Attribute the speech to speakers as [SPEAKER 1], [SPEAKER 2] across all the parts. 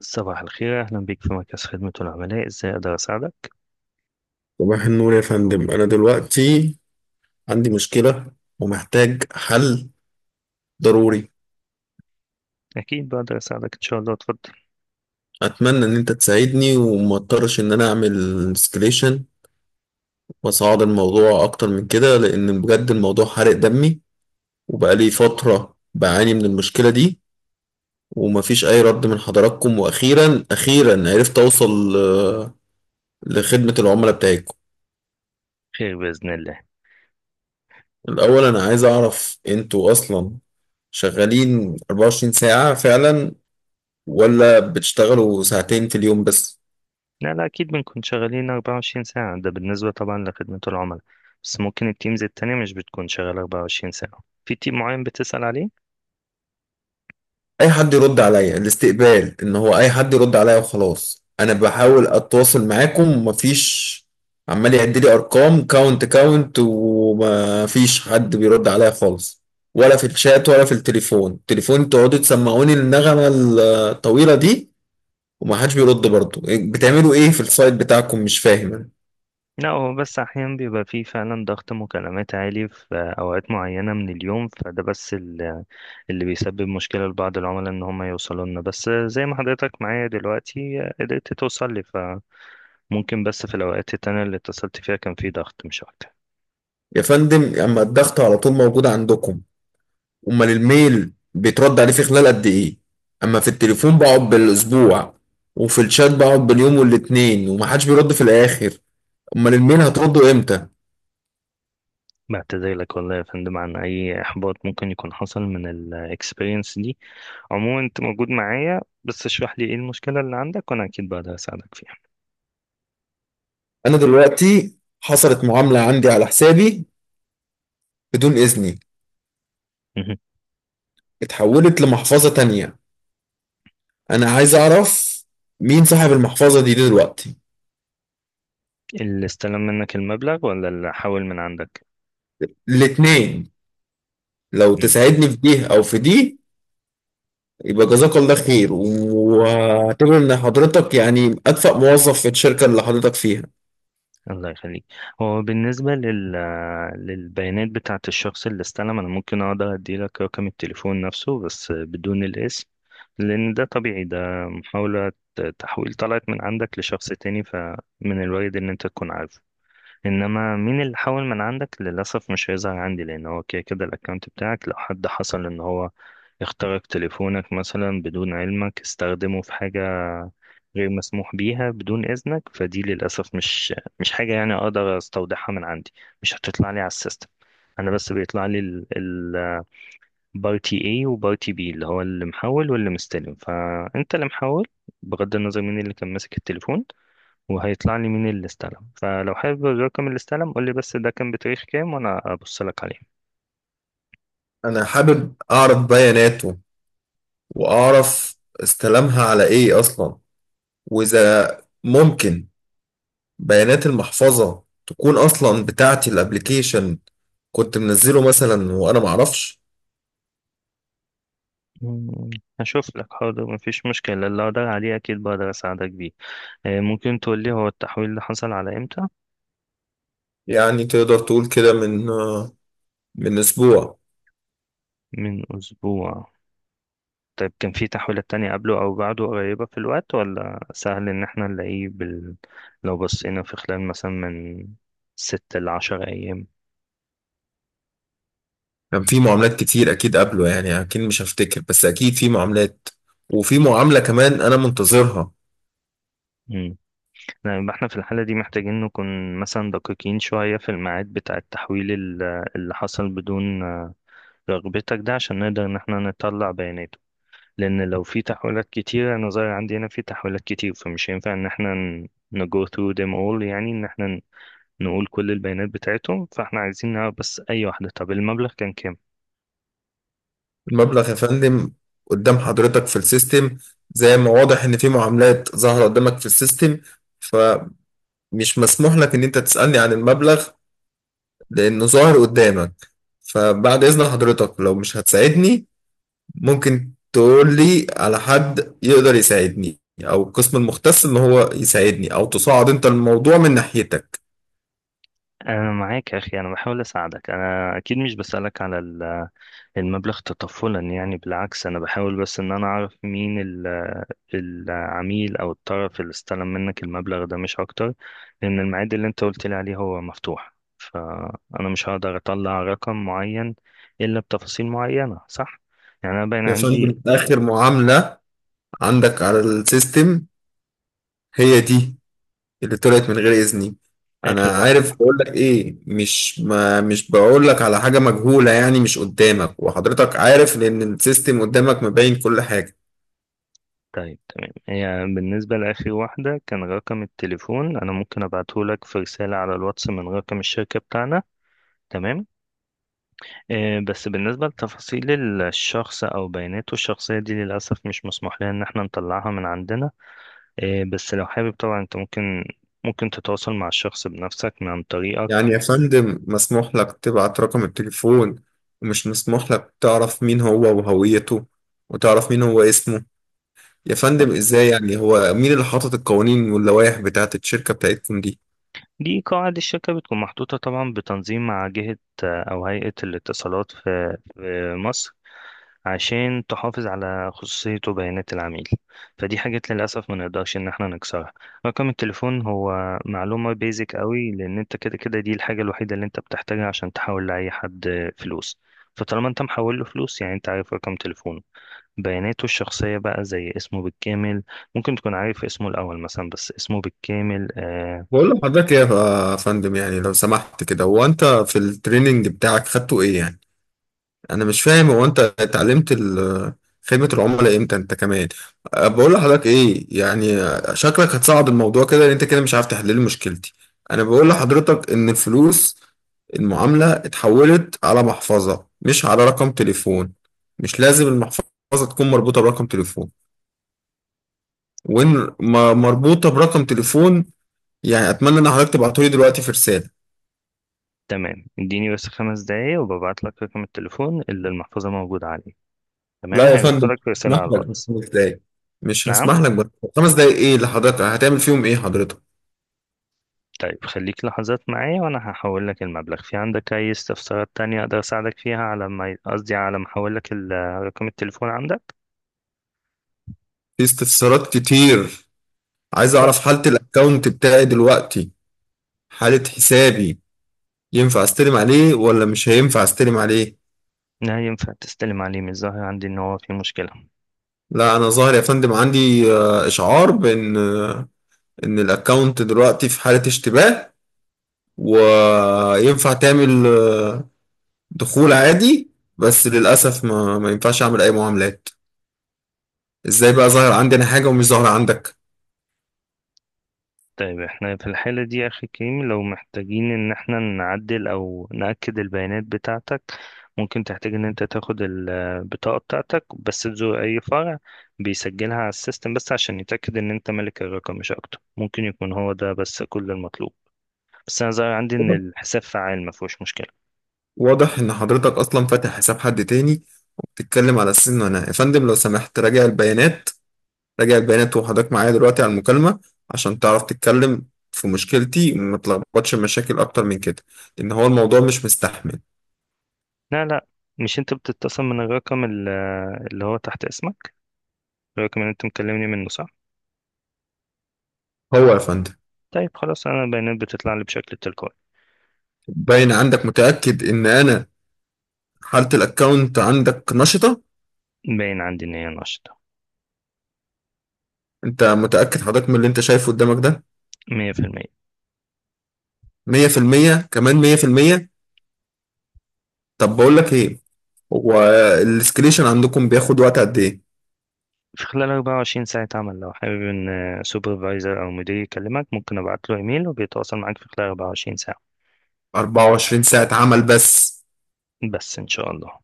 [SPEAKER 1] صباح الخير، أهلا بك في مركز خدمة العملاء. إزاي أقدر أساعدك؟
[SPEAKER 2] صباح النور يا فندم، أنا دلوقتي عندي مشكلة ومحتاج حل ضروري.
[SPEAKER 1] أكيد بقدر أساعدك إن شاء الله، اتفضل.
[SPEAKER 2] أتمنى إن أنت تساعدني وما اضطرش إن أنا أعمل اسكليشن وأصعد الموضوع أكتر من كده، لأن بجد الموضوع حرق دمي وبقالي فترة بعاني من المشكلة دي ومفيش أي رد من حضراتكم. وأخيرا أخيرا عرفت أوصل لخدمة العملاء بتاعتكم.
[SPEAKER 1] خير بإذن الله.
[SPEAKER 2] الأول أنا عايز أعرف، أنتوا أصلا شغالين 24 ساعة فعلا ولا بتشتغلوا ساعتين في اليوم بس؟
[SPEAKER 1] لا لا، أكيد بنكون شغالين 24 ساعة، ده بالنسبة طبعا لخدمة العملاء، بس ممكن التيمز التانية مش بتكون شغالة 24 ساعة. في تيم معين بتسأل عليه؟
[SPEAKER 2] اي حد يرد عليا الاستقبال، ان هو اي حد يرد عليا وخلاص. انا بحاول اتواصل معاكم، مفيش، عمال يعد لي ارقام كاونت، ومفيش حد بيرد عليا خالص، ولا في الشات ولا في التليفون تقعدوا تسمعوني النغمة الطويلة دي ومحدش بيرد برضه. إيه، بتعملوا ايه في السايت بتاعكم؟ مش فاهم أنا.
[SPEAKER 1] لا، هو بس أحيانا بيبقى فيه فعلا ضغط مكالمات عالي في أوقات معينة من اليوم، فده بس اللي بيسبب مشكلة لبعض العملاء إن هم يوصلوا لنا، بس زي ما حضرتك معايا دلوقتي قدرت توصل لي. ممكن بس في الأوقات التانية اللي اتصلت فيها كان في ضغط، مش أكتر.
[SPEAKER 2] يا فندم، اما الضغط على طول موجود عندكم، امال الميل بيترد عليه في خلال قد ايه؟ اما في التليفون بقعد بالاسبوع، وفي الشات بقعد باليوم والاتنين ومحدش بيرد في الاخر. امال الميل هترده امتى؟
[SPEAKER 1] بعتذر لك والله يا فندم عن أي إحباط ممكن يكون حصل من الإكسبيرينس دي. عموما أنت موجود معايا، بس اشرح لي إيه المشكلة اللي عندك وأنا أكيد بقدر أساعدك فيها.
[SPEAKER 2] انا دلوقتي حصلت معاملة عندي على حسابي بدون اذني،
[SPEAKER 1] مهم.
[SPEAKER 2] اتحولت لمحفظة تانية. انا عايز اعرف مين صاحب المحفظة دي دلوقتي.
[SPEAKER 1] اللي استلم منك المبلغ ولا اللي حاول من عندك؟
[SPEAKER 2] الاتنين، لو تساعدني في دي او في دي يبقى جزاك الله خير، واعتبر ان حضرتك يعني اكفأ موظف في الشركة اللي حضرتك فيها.
[SPEAKER 1] الله يخليك. هو بالنسبة للبيانات بتاعة الشخص اللي استلم، أنا ممكن أقدر أديلك رقم التليفون نفسه بس بدون الاسم، لأن ده طبيعي، ده محاولة تحويل طلعت من عندك لشخص تاني، فمن الوارد إن أنت تكون عارفه. إنما مين اللي حول من عندك، للأسف مش هيظهر عندي، لأن هو كده كده الأكونت بتاعك لو حد حصل إن هو اخترق تليفونك مثلا بدون علمك، استخدمه في حاجة غير مسموح بيها بدون إذنك، فدي للأسف مش حاجة يعني أقدر أستودعها من عندي، مش هتطلع لي على السيستم. أنا بس بيطلع لي البارتي A وبارتي B، اللي هو اللي محول واللي مستلم، فأنت اللي محول بغض النظر مين اللي كان ماسك التليفون، وهيطلع لي مين اللي استلم. فلو حابب الرقم اللي استلم قول لي بس ده كان بتاريخ كام وأنا أبص لك عليه.
[SPEAKER 2] انا حابب اعرف بياناته، واعرف استلمها على ايه اصلا، واذا ممكن بيانات المحفظة تكون اصلا بتاعتي، الابليكيشن كنت منزله مثلا وانا معرفش.
[SPEAKER 1] مم، هشوف لك، حاضر، مفيش مشكلة، اللي أقدر عليه أكيد بقدر أساعدك بيه. ممكن تقول لي هو التحويل اللي حصل على إمتى؟
[SPEAKER 2] يعني تقدر تقول كده، من اسبوع.
[SPEAKER 1] من أسبوع. طيب كان في تحويلات تانية قبله أو بعده قريبة في الوقت، ولا سهل إن احنا نلاقيه لو بصينا في خلال مثلا من ست لعشر أيام؟
[SPEAKER 2] كان في معاملات كتير اكيد قبله، يعني اكيد مش هفتكر، بس اكيد في معاملات، وفي معاملة كمان انا منتظرها.
[SPEAKER 1] مم. لا، يبقى احنا في الحالة دي محتاجين نكون مثلا دقيقين شوية في الميعاد بتاع التحويل اللي حصل بدون رغبتك، ده عشان نقدر إن احنا نطلع بياناته، لأن لو في تحويلات كتير، أنا ظاهر عندي هنا في تحويلات كتير، فمش هينفع إن احنا ن go through them all، يعني إن احنا نقول كل البيانات بتاعتهم. فاحنا عايزين نعرف بس اي واحدة، طب المبلغ كان كام.
[SPEAKER 2] المبلغ يا فندم قدام حضرتك في السيستم، زي ما واضح ان في معاملات ظاهرة قدامك في السيستم، فمش مسموح لك ان انت تسألني عن المبلغ لانه ظاهر قدامك. فبعد اذن حضرتك، لو مش هتساعدني، ممكن تقول لي على حد يقدر يساعدني، او القسم المختص ان هو يساعدني، او تصعد انت الموضوع من ناحيتك.
[SPEAKER 1] انا معاك يا اخي، انا بحاول اساعدك، انا اكيد مش بسألك على المبلغ تطفلا يعني، بالعكس انا بحاول بس ان انا اعرف مين العميل او الطرف اللي استلم منك المبلغ ده، مش اكتر. لان الميعاد اللي انت قلت لي عليه هو مفتوح، فانا مش هقدر اطلع رقم معين الا بتفاصيل معينة، صح؟ يعني انا باين
[SPEAKER 2] يا
[SPEAKER 1] عندي
[SPEAKER 2] فندم، اخر معاملة عندك على السيستم هي دي، اللي طلعت من غير إذني.
[SPEAKER 1] اخر
[SPEAKER 2] أنا
[SPEAKER 1] واحدة.
[SPEAKER 2] عارف، بقول لك إيه، مش ما مش بقول لك على حاجة مجهولة. يعني مش قدامك؟ وحضرتك عارف، لأن السيستم قدامك مبين كل حاجة.
[SPEAKER 1] طيب تمام، هي بالنسبة لآخر واحدة كان رقم التليفون، أنا ممكن أبعتهولك في رسالة على الواتس من رقم الشركة بتاعنا، تمام. آه بس بالنسبة لتفاصيل الشخص أو بياناته الشخصية دي، للأسف مش مسموح لنا إن احنا نطلعها من عندنا. آه بس لو حابب طبعا أنت ممكن تتواصل مع الشخص بنفسك من عن طريقك.
[SPEAKER 2] يعني يا فندم، مسموح لك تبعت رقم التليفون، ومش مسموح لك تعرف مين هو وهويته، وتعرف مين هو اسمه؟ يا فندم إزاي؟ يعني هو مين اللي حاطط القوانين واللوائح بتاعت الشركة بتاعتكم دي؟
[SPEAKER 1] دي قواعد الشركة، بتكون محطوطة طبعا بتنظيم مع جهة، أو هيئة الاتصالات في مصر، عشان تحافظ على خصوصية وبيانات العميل، فدي حاجات للأسف ما نقدرش إن احنا نكسرها. رقم التليفون هو معلومة بيزك قوي، لأن انت كده كده دي الحاجة الوحيدة اللي انت بتحتاجها عشان تحول لأي حد فلوس، فطالما انت محول له فلوس يعني انت عارف رقم تليفونه. بياناته الشخصية بقى زي اسمه بالكامل، ممكن تكون عارف اسمه الأول مثلا، بس اسمه بالكامل آه.
[SPEAKER 2] بقول لحضرتك يا فندم، يعني لو سمحت كده، هو أنت في التريننج بتاعك خدته إيه يعني؟ انا مش فاهم، هو انت اتعلمت خدمة العملاء امتى انت كمان؟ بقول لحضرتك ايه يعني، شكلك هتصعد الموضوع كده، لان انت كده مش عارف تحل لي مشكلتي. انا بقول لحضرتك ان الفلوس، المعاملة، اتحولت على محفظة مش على رقم تليفون. مش لازم المحفظة تكون مربوطة برقم تليفون. وان مربوطة برقم تليفون، يعني اتمنى ان حضرتك تبعته لي دلوقتي في رسالة.
[SPEAKER 1] تمام، اديني بس خمس دقايق وببعت لك رقم التليفون اللي المحفظة موجودة عليه،
[SPEAKER 2] لا
[SPEAKER 1] تمام،
[SPEAKER 2] يا فندم،
[SPEAKER 1] هيوصلك رسالة
[SPEAKER 2] مش هسمح
[SPEAKER 1] على
[SPEAKER 2] لك
[SPEAKER 1] الواتس.
[SPEAKER 2] بخمس دقايق، مش
[SPEAKER 1] نعم؟
[SPEAKER 2] هسمح لك بخمس دقايق. ايه اللي حضرتك هتعمل فيهم؟ ايه حضرتك؟
[SPEAKER 1] طيب خليك لحظات معايا وانا هحول لك المبلغ. في عندك اي استفسارات تانية اقدر اساعدك فيها على ما قصدي على ما احول لك رقم التليفون عندك؟
[SPEAKER 2] في استفسارات كتير. عايز
[SPEAKER 1] اتفضل.
[SPEAKER 2] اعرف حالة الاكونت بتاعي دلوقتي، حالة حسابي. ينفع استلم عليه ولا مش هينفع استلم عليه؟
[SPEAKER 1] لا، ينفع تستلم عليه، من الظاهر عندي ان هو في مشكلة.
[SPEAKER 2] لا انا ظاهر يا فندم عندي اشعار بان ان الاكونت دلوقتي في حالة اشتباه، وينفع تعمل دخول عادي، بس للاسف ما ينفعش اعمل اي معاملات. ازاي بقى ظاهر عندي انا حاجة ومش ظاهرة عندك؟
[SPEAKER 1] طيب احنا في الحالة دي يا اخي كريم، لو محتاجين ان احنا نعدل او نأكد البيانات بتاعتك، ممكن تحتاج ان انت تاخد البطاقة بتاعتك بس تزور اي فرع، بيسجلها على السيستم بس عشان يتأكد ان انت مالك الرقم، مش اكتر، ممكن يكون هو ده بس كل المطلوب. بس انا ظاهر عندي ان الحساب فعال، ما فيهوش مشكله.
[SPEAKER 2] واضح إن حضرتك أصلا فاتح حساب حد تاني، وبتتكلم على السن. وأنا يا فندم لو سمحت راجع البيانات، راجع البيانات وحضرتك معايا دلوقتي على المكالمة، عشان تعرف تتكلم في مشكلتي وما تلخبطش مشاكل أكتر من كده، لأن هو الموضوع مش مستحمل.
[SPEAKER 1] لا، مش انت بتتصل من الرقم اللي هو تحت اسمك، الرقم اللي انت مكلمني منه، صح؟
[SPEAKER 2] هو يا فندم.
[SPEAKER 1] طيب خلاص، انا البيانات بتطلع لي بشكل تلقائي.
[SPEAKER 2] باين عندك، متأكد إن أنا حالة الأكاونت عندك نشطة؟
[SPEAKER 1] باين عندي ان هي نشطه،
[SPEAKER 2] أنت متأكد حضرتك من اللي أنت شايفه قدامك ده؟
[SPEAKER 1] 100% في المية.
[SPEAKER 2] 100% كمان 100%؟ طب بقول لك إيه، هو الاسكليشن عندكم بياخد وقت قد إيه؟
[SPEAKER 1] في خلال 24 ساعة عمل. لو حابب إن سوبرفايزر أو مدير يكلمك، ممكن أبعت له إيميل وبيتواصل معاك في خلال 24 ساعة،
[SPEAKER 2] 24 ساعة عمل بس؟
[SPEAKER 1] بس إن شاء الله.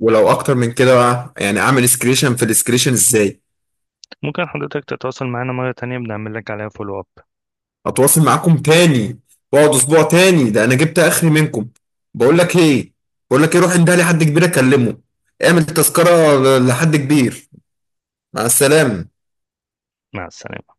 [SPEAKER 2] ولو اكتر من كده بقى يعني، اعمل اسكريشن في الاسكريشن ازاي؟
[SPEAKER 1] ممكن حضرتك تتواصل معانا مرة تانية، بنعمل لك عليها فولو أب.
[SPEAKER 2] هتواصل معاكم تاني واقعد اسبوع تاني؟ ده انا جبت اخري منكم. بقول لك ايه، بقول لك ايه، روح عندها لحد كبير اكلمه، اعمل تذكرة لحد كبير. مع السلامة.
[SPEAKER 1] مع السلامة.